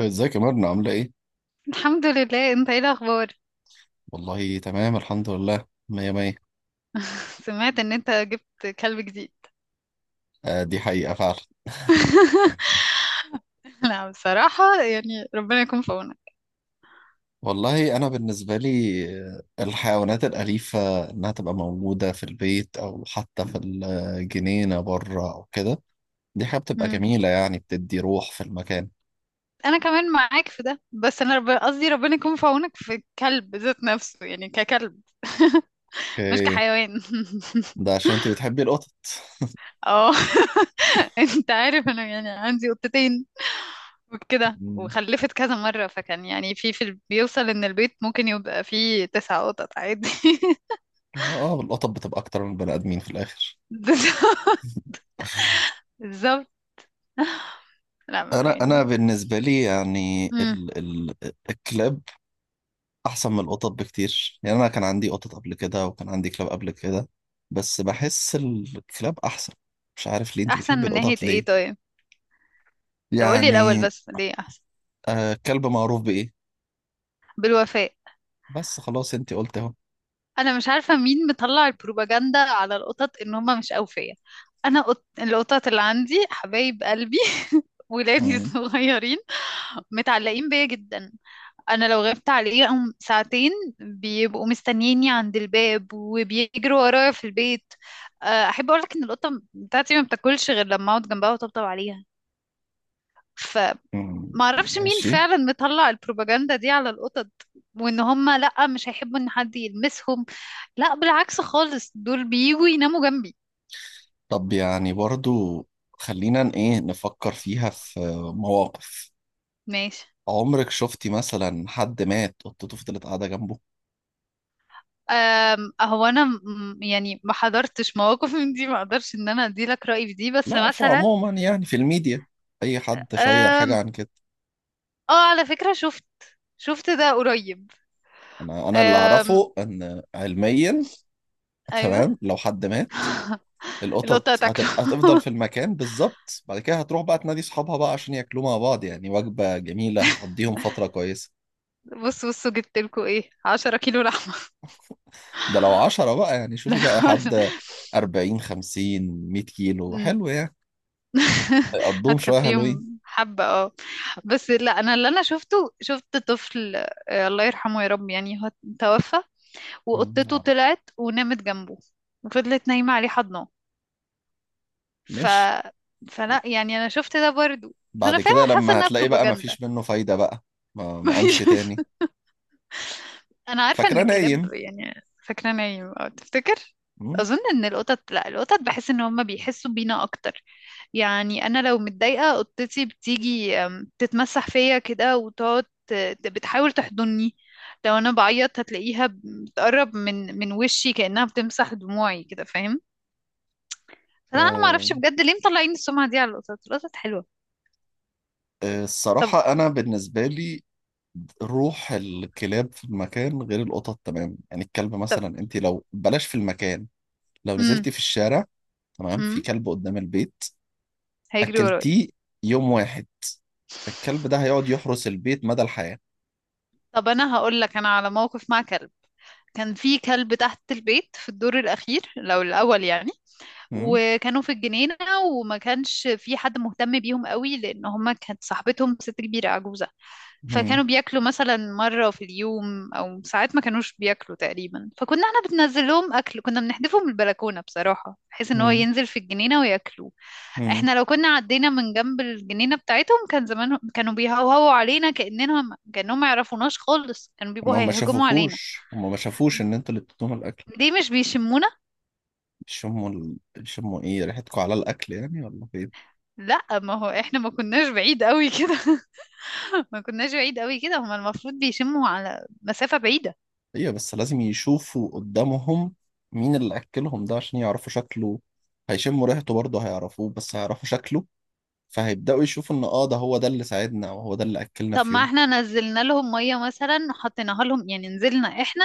ازيك يا مرنة، عاملة ايه؟ الحمد لله، انت ايه الاخبار؟ والله تمام، الحمد لله، مية مية. سمعت ان انت جبت كلب جديد؟ آه، دي حقيقة فعلا. لا، بصراحة يعني ربنا يكون في عونك. والله أنا بالنسبة لي الحيوانات الأليفة إنها تبقى موجودة في البيت أو حتى في الجنينة بره أو كده، دي حاجة بتبقى مم. جميلة، يعني بتدي روح في المكان. انا كمان معاك في ده، بس انا قصدي ربنا يكون في عونك في الكلب ذات نفسه يعني ككلب، مش اوكي. كحيوان. ده عشان انت بتحبي القطط؟ اه. انت عارف انا يعني عندي قطتين وكده مم. وخلفت كذا مرة، فكان يعني بيوصل ان البيت ممكن يبقى فيه تسع قطط عادي. اه، آه، القطط بتبقى أكتر من البني آدمين في الآخر. بالظبط. لا، ما انا يعني. بالنسبه لي يعني مم. ال ال الكلاب احسن من القطط بكتير، يعني انا كان عندي قطط قبل كده وكان عندي كلاب قبل كده، بس بحس الكلاب احسن. مش عارف ليه، انت احسن بتحبي من ناحية القطط ايه؟ ليه؟ طيب، طب قولي الاول يعني بس ليه احسن؟ كلب معروف بايه؟ بالوفاء. بس خلاص، انت قلت اهو. انا مش عارفة مين مطلع البروباجندا على القطط ان هما مش اوفياء. انا القطط اللي عندي حبايب قلبي، ولادي مم، الصغيرين، متعلقين بيا جدا. انا لو غبت عليهم ساعتين بيبقوا مستنييني عند الباب وبيجروا ورايا في البيت. احب اقولك ان القطه بتاعتي ما بتاكلش غير لما اقعد جنبها وطبطب عليها، ف مم، ما اعرفش مين ماشي. فعلا مطلع البروباجندا دي على القطط، وان هم لا مش هيحبوا ان حد يلمسهم. لا، بالعكس خالص، دول بييجوا يناموا جنبي. طب يعني برضو، خلينا ن- ايه نفكر فيها في مواقف. ماشي. عمرك شفتي مثلا حد مات قطته فضلت قاعدة جنبه؟ هو انا يعني ما حضرتش مواقف من دي، ما اقدرش ان انا ادي لك رأيي في دي، بس لا، مثلا فعموما يعني في الميديا اي حد شير حاجة أم عن كده. اه، على فكرة شفت ده قريب. انا اللي أم اعرفه ان علميا، ايوه. تمام، لو حد مات القطط القطة هتبقى تاكله. هتفضل في المكان بالظبط، بعد كده هتروح بقى تنادي صحابها بقى عشان ياكلوا مع بعض، يعني وجبة جميلة هتقضيهم فترة كويسة. بصوا جبت لكم ايه 10 كيلو لحمة. ده لو 10 بقى، يعني شوفي بقى حد 40 50 100 كيلو، لا. حلو يعني. هيقضوهم شوية حلوين. هتكفيهم حبة، اه. بس لا، انا اللي انا شفته، شفت طفل. الله يرحمه يا رب، يعني هو توفى، مم، وقطته عارف. طلعت ونامت جنبه، وفضلت نايمة عليه حضنه، ف ماشي. فلا يعني انا شفت ده برضو، فانا بعد فعلا كده حاسة لما انها هتلاقي بقى بروباجندا. مفيش منه فايدة بقى، ما ما قامش مفيش. تاني. انا عارفه ان فاكرة الكلاب نايم. يعني فاكره نايم او تفتكر. مم. اظن ان القطط لا، القطط بحس ان هم بيحسوا بينا اكتر. يعني انا لو متضايقه قطتي بتيجي، تتمسح فيا كده وتقعد بتحاول تحضني. لو انا بعيط هتلاقيها بتقرب من وشي كانها بتمسح دموعي كده، فاهم. فلا انا ما آه، اعرفش بجد ليه مطلعين السمعه دي على القطط. القطط حلوه. طب الصراحة أنا بالنسبة لي روح الكلاب في المكان غير القطط، تمام؟ يعني الكلب طب. مثلا، انت لو بلاش في المكان، لو امم نزلتي في الشارع، تمام، في امم كلب قدام البيت، هيجري ورايا. اكلتيه يوم واحد، الكلب ده هيقعد يحرس البيت مدى الحياة. طب انا هقول لك انا على موقف مع كلب. كان في كلب تحت البيت في الدور الاخير لو الاول يعني، هم. وكانوا في الجنينه، وما كانش في حد مهتم بيهم قوي لان هما كانت صاحبتهم ست كبيره عجوزه. هم. فكانوا بياكلوا مثلا مره في اليوم او ساعات ما كانوش بياكلوا تقريبا، فكنا احنا بننزل لهم اكل، كنا بنحدفه من البلكونه بصراحه، بحيث ان هو هم. ينزل في الجنينه وياكلوه. هم. احنا لو كنا عدينا من جنب الجنينة بتاعتهم كان زمانهم كانوا بيهوهوا علينا، كأنهم ما يعرفوناش خالص، كانوا بيبقوا هيهجموا علينا. هما ما شافوش ان انتوا اللي بتدوهم الاكل؟ ليه مش بيشمونا؟ يشموا ايه، ريحتكم على الاكل يعني ولا فين؟ لا، ما هو احنا ما كناش بعيد قوي كده. ما كناش بعيد قوي كده، هما المفروض بيشموا على مسافة بعيدة. ايوه، بس لازم يشوفوا قدامهم مين اللي اكلهم ده عشان يعرفوا شكله. هيشموا ريحته برضه، هيعرفوه، بس هيعرفوا شكله، فهيبدأوا يشوفوا إن ده هو ده اللي ساعدنا أو هو ده اللي أكلنا طب في ما يوم. احنا نزلنا لهم مية مثلا وحطيناها لهم، يعني نزلنا احنا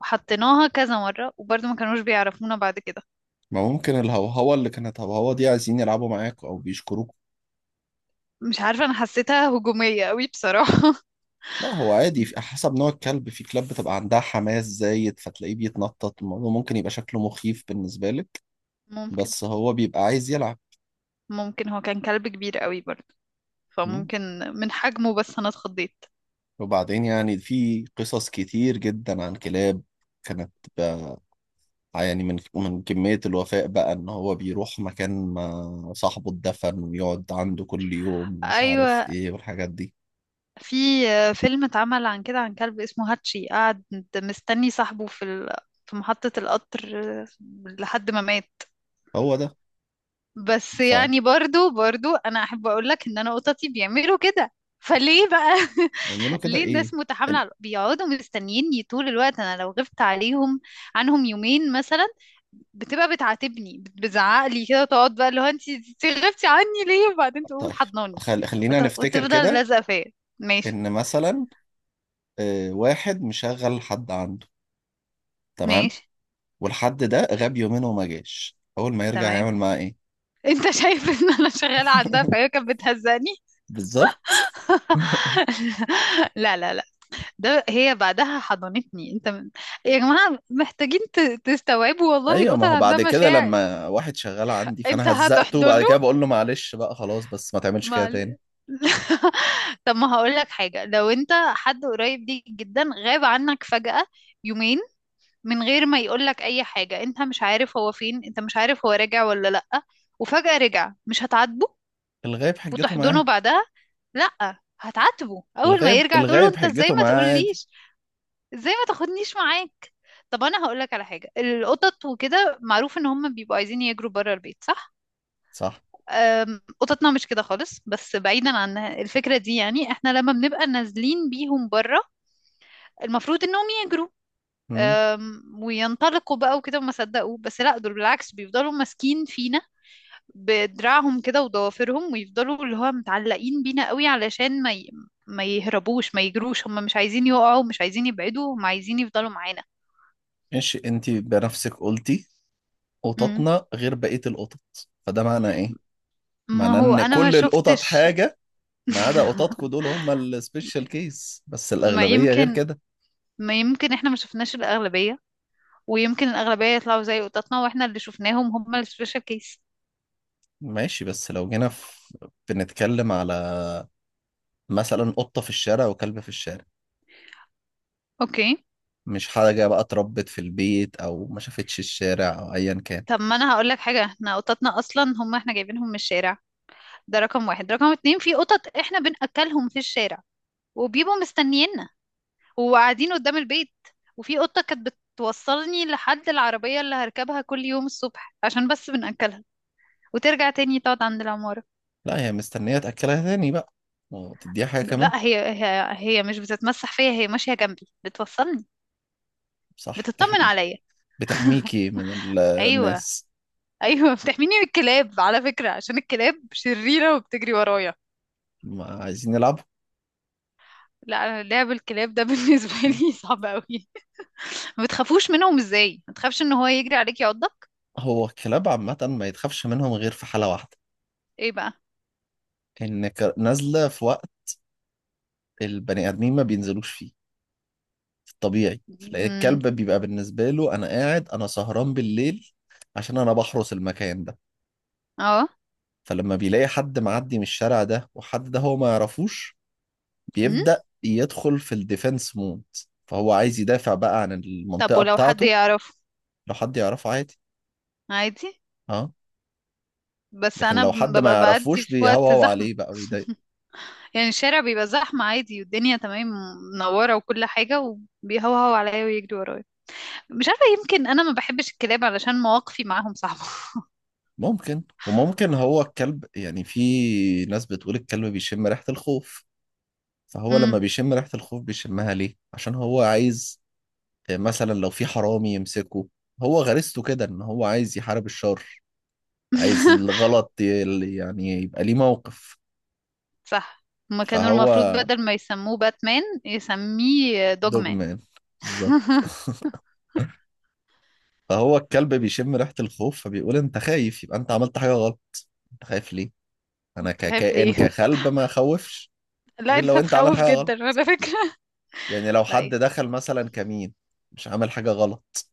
وحطيناها كذا مرة، وبرضه ما كانوش بيعرفونا بعد كده. ما ممكن الهوهوة اللي كانت، هوهوة دي عايزين يلعبوا معاكوا أو بيشكروكوا. مش عارفة، انا حسيتها هجومية قوي بصراحة. لا، هو عادي حسب نوع الكلب، في كلاب بتبقى عندها حماس زايد فتلاقيه بيتنطط، الموضوع ممكن يبقى شكله مخيف بالنسبة لك، ممكن بس هو بيبقى عايز يلعب. ممكن هو كان كلب كبير قوي برضه، م؟ فممكن من حجمه، بس انا اتخضيت. وبعدين يعني في قصص كتير جدا عن كلاب كانت، بقى، يعني من كمية الوفاء بقى إن هو بيروح مكان ما صاحبه اتدفن ويقعد عنده كل يوم ومش عارف ايوه، إيه والحاجات دي. في فيلم اتعمل عن كده عن كلب اسمه هاتشي، قعد مستني صاحبه في محطة القطر لحد ما مات. هو ده. بس يعني برضو انا احب اقول لك ان انا قطتي بيعملوا كده، فليه بقى؟ فاعملوا كده ليه الناس ايه؟ ال- متحاملة بيقعدوا مستنيني طول الوقت، انا لو غبت عنهم يومين مثلا بتبقى بتعاتبني، بتزعق لي كده وتقعد بقى اللي هو انت غبتي عني ليه؟ وبعدين تقوم طيب، حضناني خلينا نفتكر وتفضل كده، لازقة فيا. ماشي. ان مثلا واحد مشغل حد عنده، تمام، ماشي، والحد ده غاب يومين وما جاش، اول ما يرجع تمام. هيعمل معاه ايه؟ انت شايف ان انا شغالة عندها فهي كانت بتهزقني. بالظبط. لا لا لا، ده هي بعدها حضنتني، يا جماعة محتاجين تستوعبوا، والله ايوه، القطط ما هو عندها بعد كده مشاعر. لما واحد شغال عندي انت فانا هزقته، هتحضن وبعد كده بقول له معلش بقى، خلاص بس ما تعملش كده ما تاني. ل- طب ما هقول لك حاجة، لو انت حد قريب ليك جدا غاب عنك فجأة يومين من غير ما يقول لك اي حاجة، انت مش عارف هو فين، انت مش عارف هو راجع ولا لأ، وفجأة رجع، مش هتعاتبه الغايب حجته وتحضنه معاه. بعدها؟ لأ، هتعاتبه اول ما الغايب يرجع، تقول له الغايب انت ازاي حجته ما معاه، عادي. تقوليش، ازاي ما تاخدنيش معاك. طب انا هقول لك على حاجة، القطط وكده معروف ان هم بيبقوا عايزين يجروا بره البيت، صح. صح. قططنا مش كده خالص، بس بعيدا عن الفكرة دي، يعني احنا لما بنبقى نازلين بيهم بره المفروض انهم يجروا، امم وينطلقوا بقى وكده وما صدقوا، بس لا، دول بالعكس بيفضلوا ماسكين فينا بدراعهم كده وضوافرهم، ويفضلوا اللي هو متعلقين بينا قوي علشان ما يهربوش، ما يجروش، هم مش عايزين يقعوا، مش عايزين يبعدوا، هم عايزين يفضلوا معانا. ماشي. انت بنفسك قلتي مم. قططنا غير بقية القطط، فده معنى ايه؟ ما معناه هو ان انا ما كل القطط شفتش. حاجة ما عدا قططكوا، دول هم السبيشال كيس، بس ما الأغلبية غير يمكن كده. ما يمكن احنا ما شفناش الأغلبية، ويمكن الأغلبية يطلعوا زي قططنا، واحنا اللي شفناهم هم السبيشال كيس. ماشي، بس لو جينا بنتكلم على مثلا قطة في الشارع وكلب في الشارع، اوكي. مش حاجة بقى اتربت في البيت أو ما شافتش الشارع أو أيا كان. طب ما انا هقول لك حاجه، احنا قططنا اصلا هم احنا جايبينهم من الشارع، ده رقم واحد. رقم اتنين، في قطط احنا بنأكلهم في الشارع وبيبقوا مستنيينا وقاعدين قدام البيت، وفي قطه كانت بتوصلني لحد العربيه اللي هركبها كل يوم الصبح عشان بس بنأكلها، وترجع تاني تقعد عند العماره. لا، هي مستنية تأكلها تاني بقى، وتديها حاجة كمان. لا، هي مش بتتمسح فيا، هي ماشيه جنبي بتوصلني، صح. بتطمن عليا. بتحميكي من ايوه، الناس. ايوه، بتحميني من الكلاب على فكره، عشان الكلاب شريره وبتجري ورايا. ما عايزين يلعبوا. لا، انا لعب الكلاب ده بالنسبه لي صعب قوي. ما بتخافوش منهم؟ ازاي ما تخافش ان هو يجري عليك يعضك؟ هو الكلاب عامة ما يتخافش منهم غير في حالة واحدة، ايه بقى. ان نازله في وقت البني ادمين ما بينزلوش فيه في الطبيعي، لان امم. الكلب بيبقى بالنسبه له انا قاعد، انا سهران بالليل عشان انا بحرس المكان ده، اه. فلما بيلاقي حد معدي من الشارع ده وحد ده هو ما يعرفوش امم. بيبدا يدخل في الديفense مود، فهو عايز يدافع بقى عن طب المنطقه ولو حد بتاعته. يعرفه لو حد يعرفه عادي. عادي. اه. بس لكن انا لو حد ما ببقى بعدي يعرفوش في وقت بيهوهو زحمه، عليه بقى ويضايق. يعني الشارع بيبقى زحمه عادي والدنيا تمام منوره وكل حاجه، وبيهوهو عليا ويجري ورايا. مش عارفه، يمكن انا ما بحبش الكلاب علشان مواقفي معاهم صعبه. ممكن، وممكن هو الكلب، يعني في ناس بتقول الكلب بيشم ريحه الخوف، فهو امم. لما بيشم ريحة الخوف بيشمها ليه؟ عشان هو عايز، مثلا لو في حرامي يمسكه، هو غريزته كده ان هو عايز يحارب الشر، عايز الغلط يعني يبقى ليه موقف. صح، هما كانوا فهو المفروض بدل ما يسموه باتمان يسميه دوجمان. دوجمان، بالظبط. فهو الكلب بيشم ريحة الخوف فبيقول انت خايف، يبقى انت عملت حاجة غلط. انت خايف ليه؟ انا تخاف ككائن، ليه؟ ككلب ما اخوفش لا، غير انت لو انت عامل تخوف حاجة جدا غلط. على فكرة. يعني لو لا حد ايه. دخل مثلا كمين مش عامل حاجة غلط،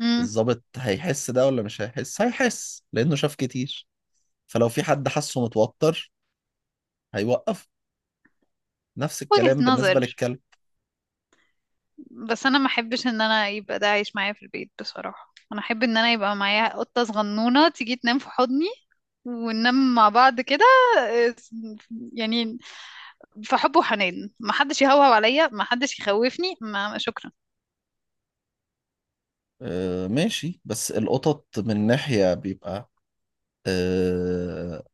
امم. الضابط هيحس ده ولا مش هيحس؟ هيحس، لأنه شاف كتير، فلو في حد حاسه متوتر هيوقف. نفس وجهة الكلام بالنسبة نظر. للكلب. بس انا ما احبش ان انا يبقى ده عايش معايا في البيت بصراحة، انا احب ان انا يبقى معايا قطة صغنونة تيجي تنام في حضني، وننام مع بعض كده. آه، يعني في حب وحنان، ما حدش يهوهو عليا، ما حدش يخوفني. ما شكرا. آه، ماشي، بس القطط من ناحية بيبقى آه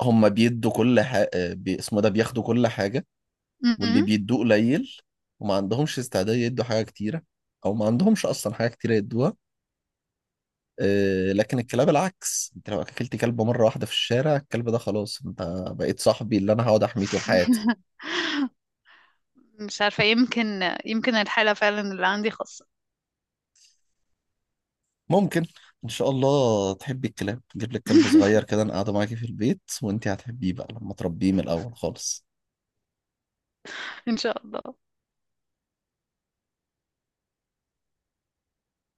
هم بيدوا كل حاجة بي اسمه، ده بياخدوا كل حاجة، واللي م-م. بيدوه قليل، وما عندهمش استعداد يدوا حاجة كتيرة، أو ما عندهمش أصلا حاجة كتيرة يدوها. لكن الكلاب العكس، أنت لو أكلت كلب مرة واحدة في الشارع، الكلب ده خلاص، أنت بقيت صاحبي اللي أنا هقعد أحميه طول حياتي. مش عارفة، يمكن الحالة فعلا اللي عندي خاصة. ممكن. ان شاء الله تحبي الكلاب، نجيب لك كلب صغير كده، انا قاعده معاكي في البيت وانتي هتحبيه بقى لما تربيه من الاول خالص. ان شاء الله.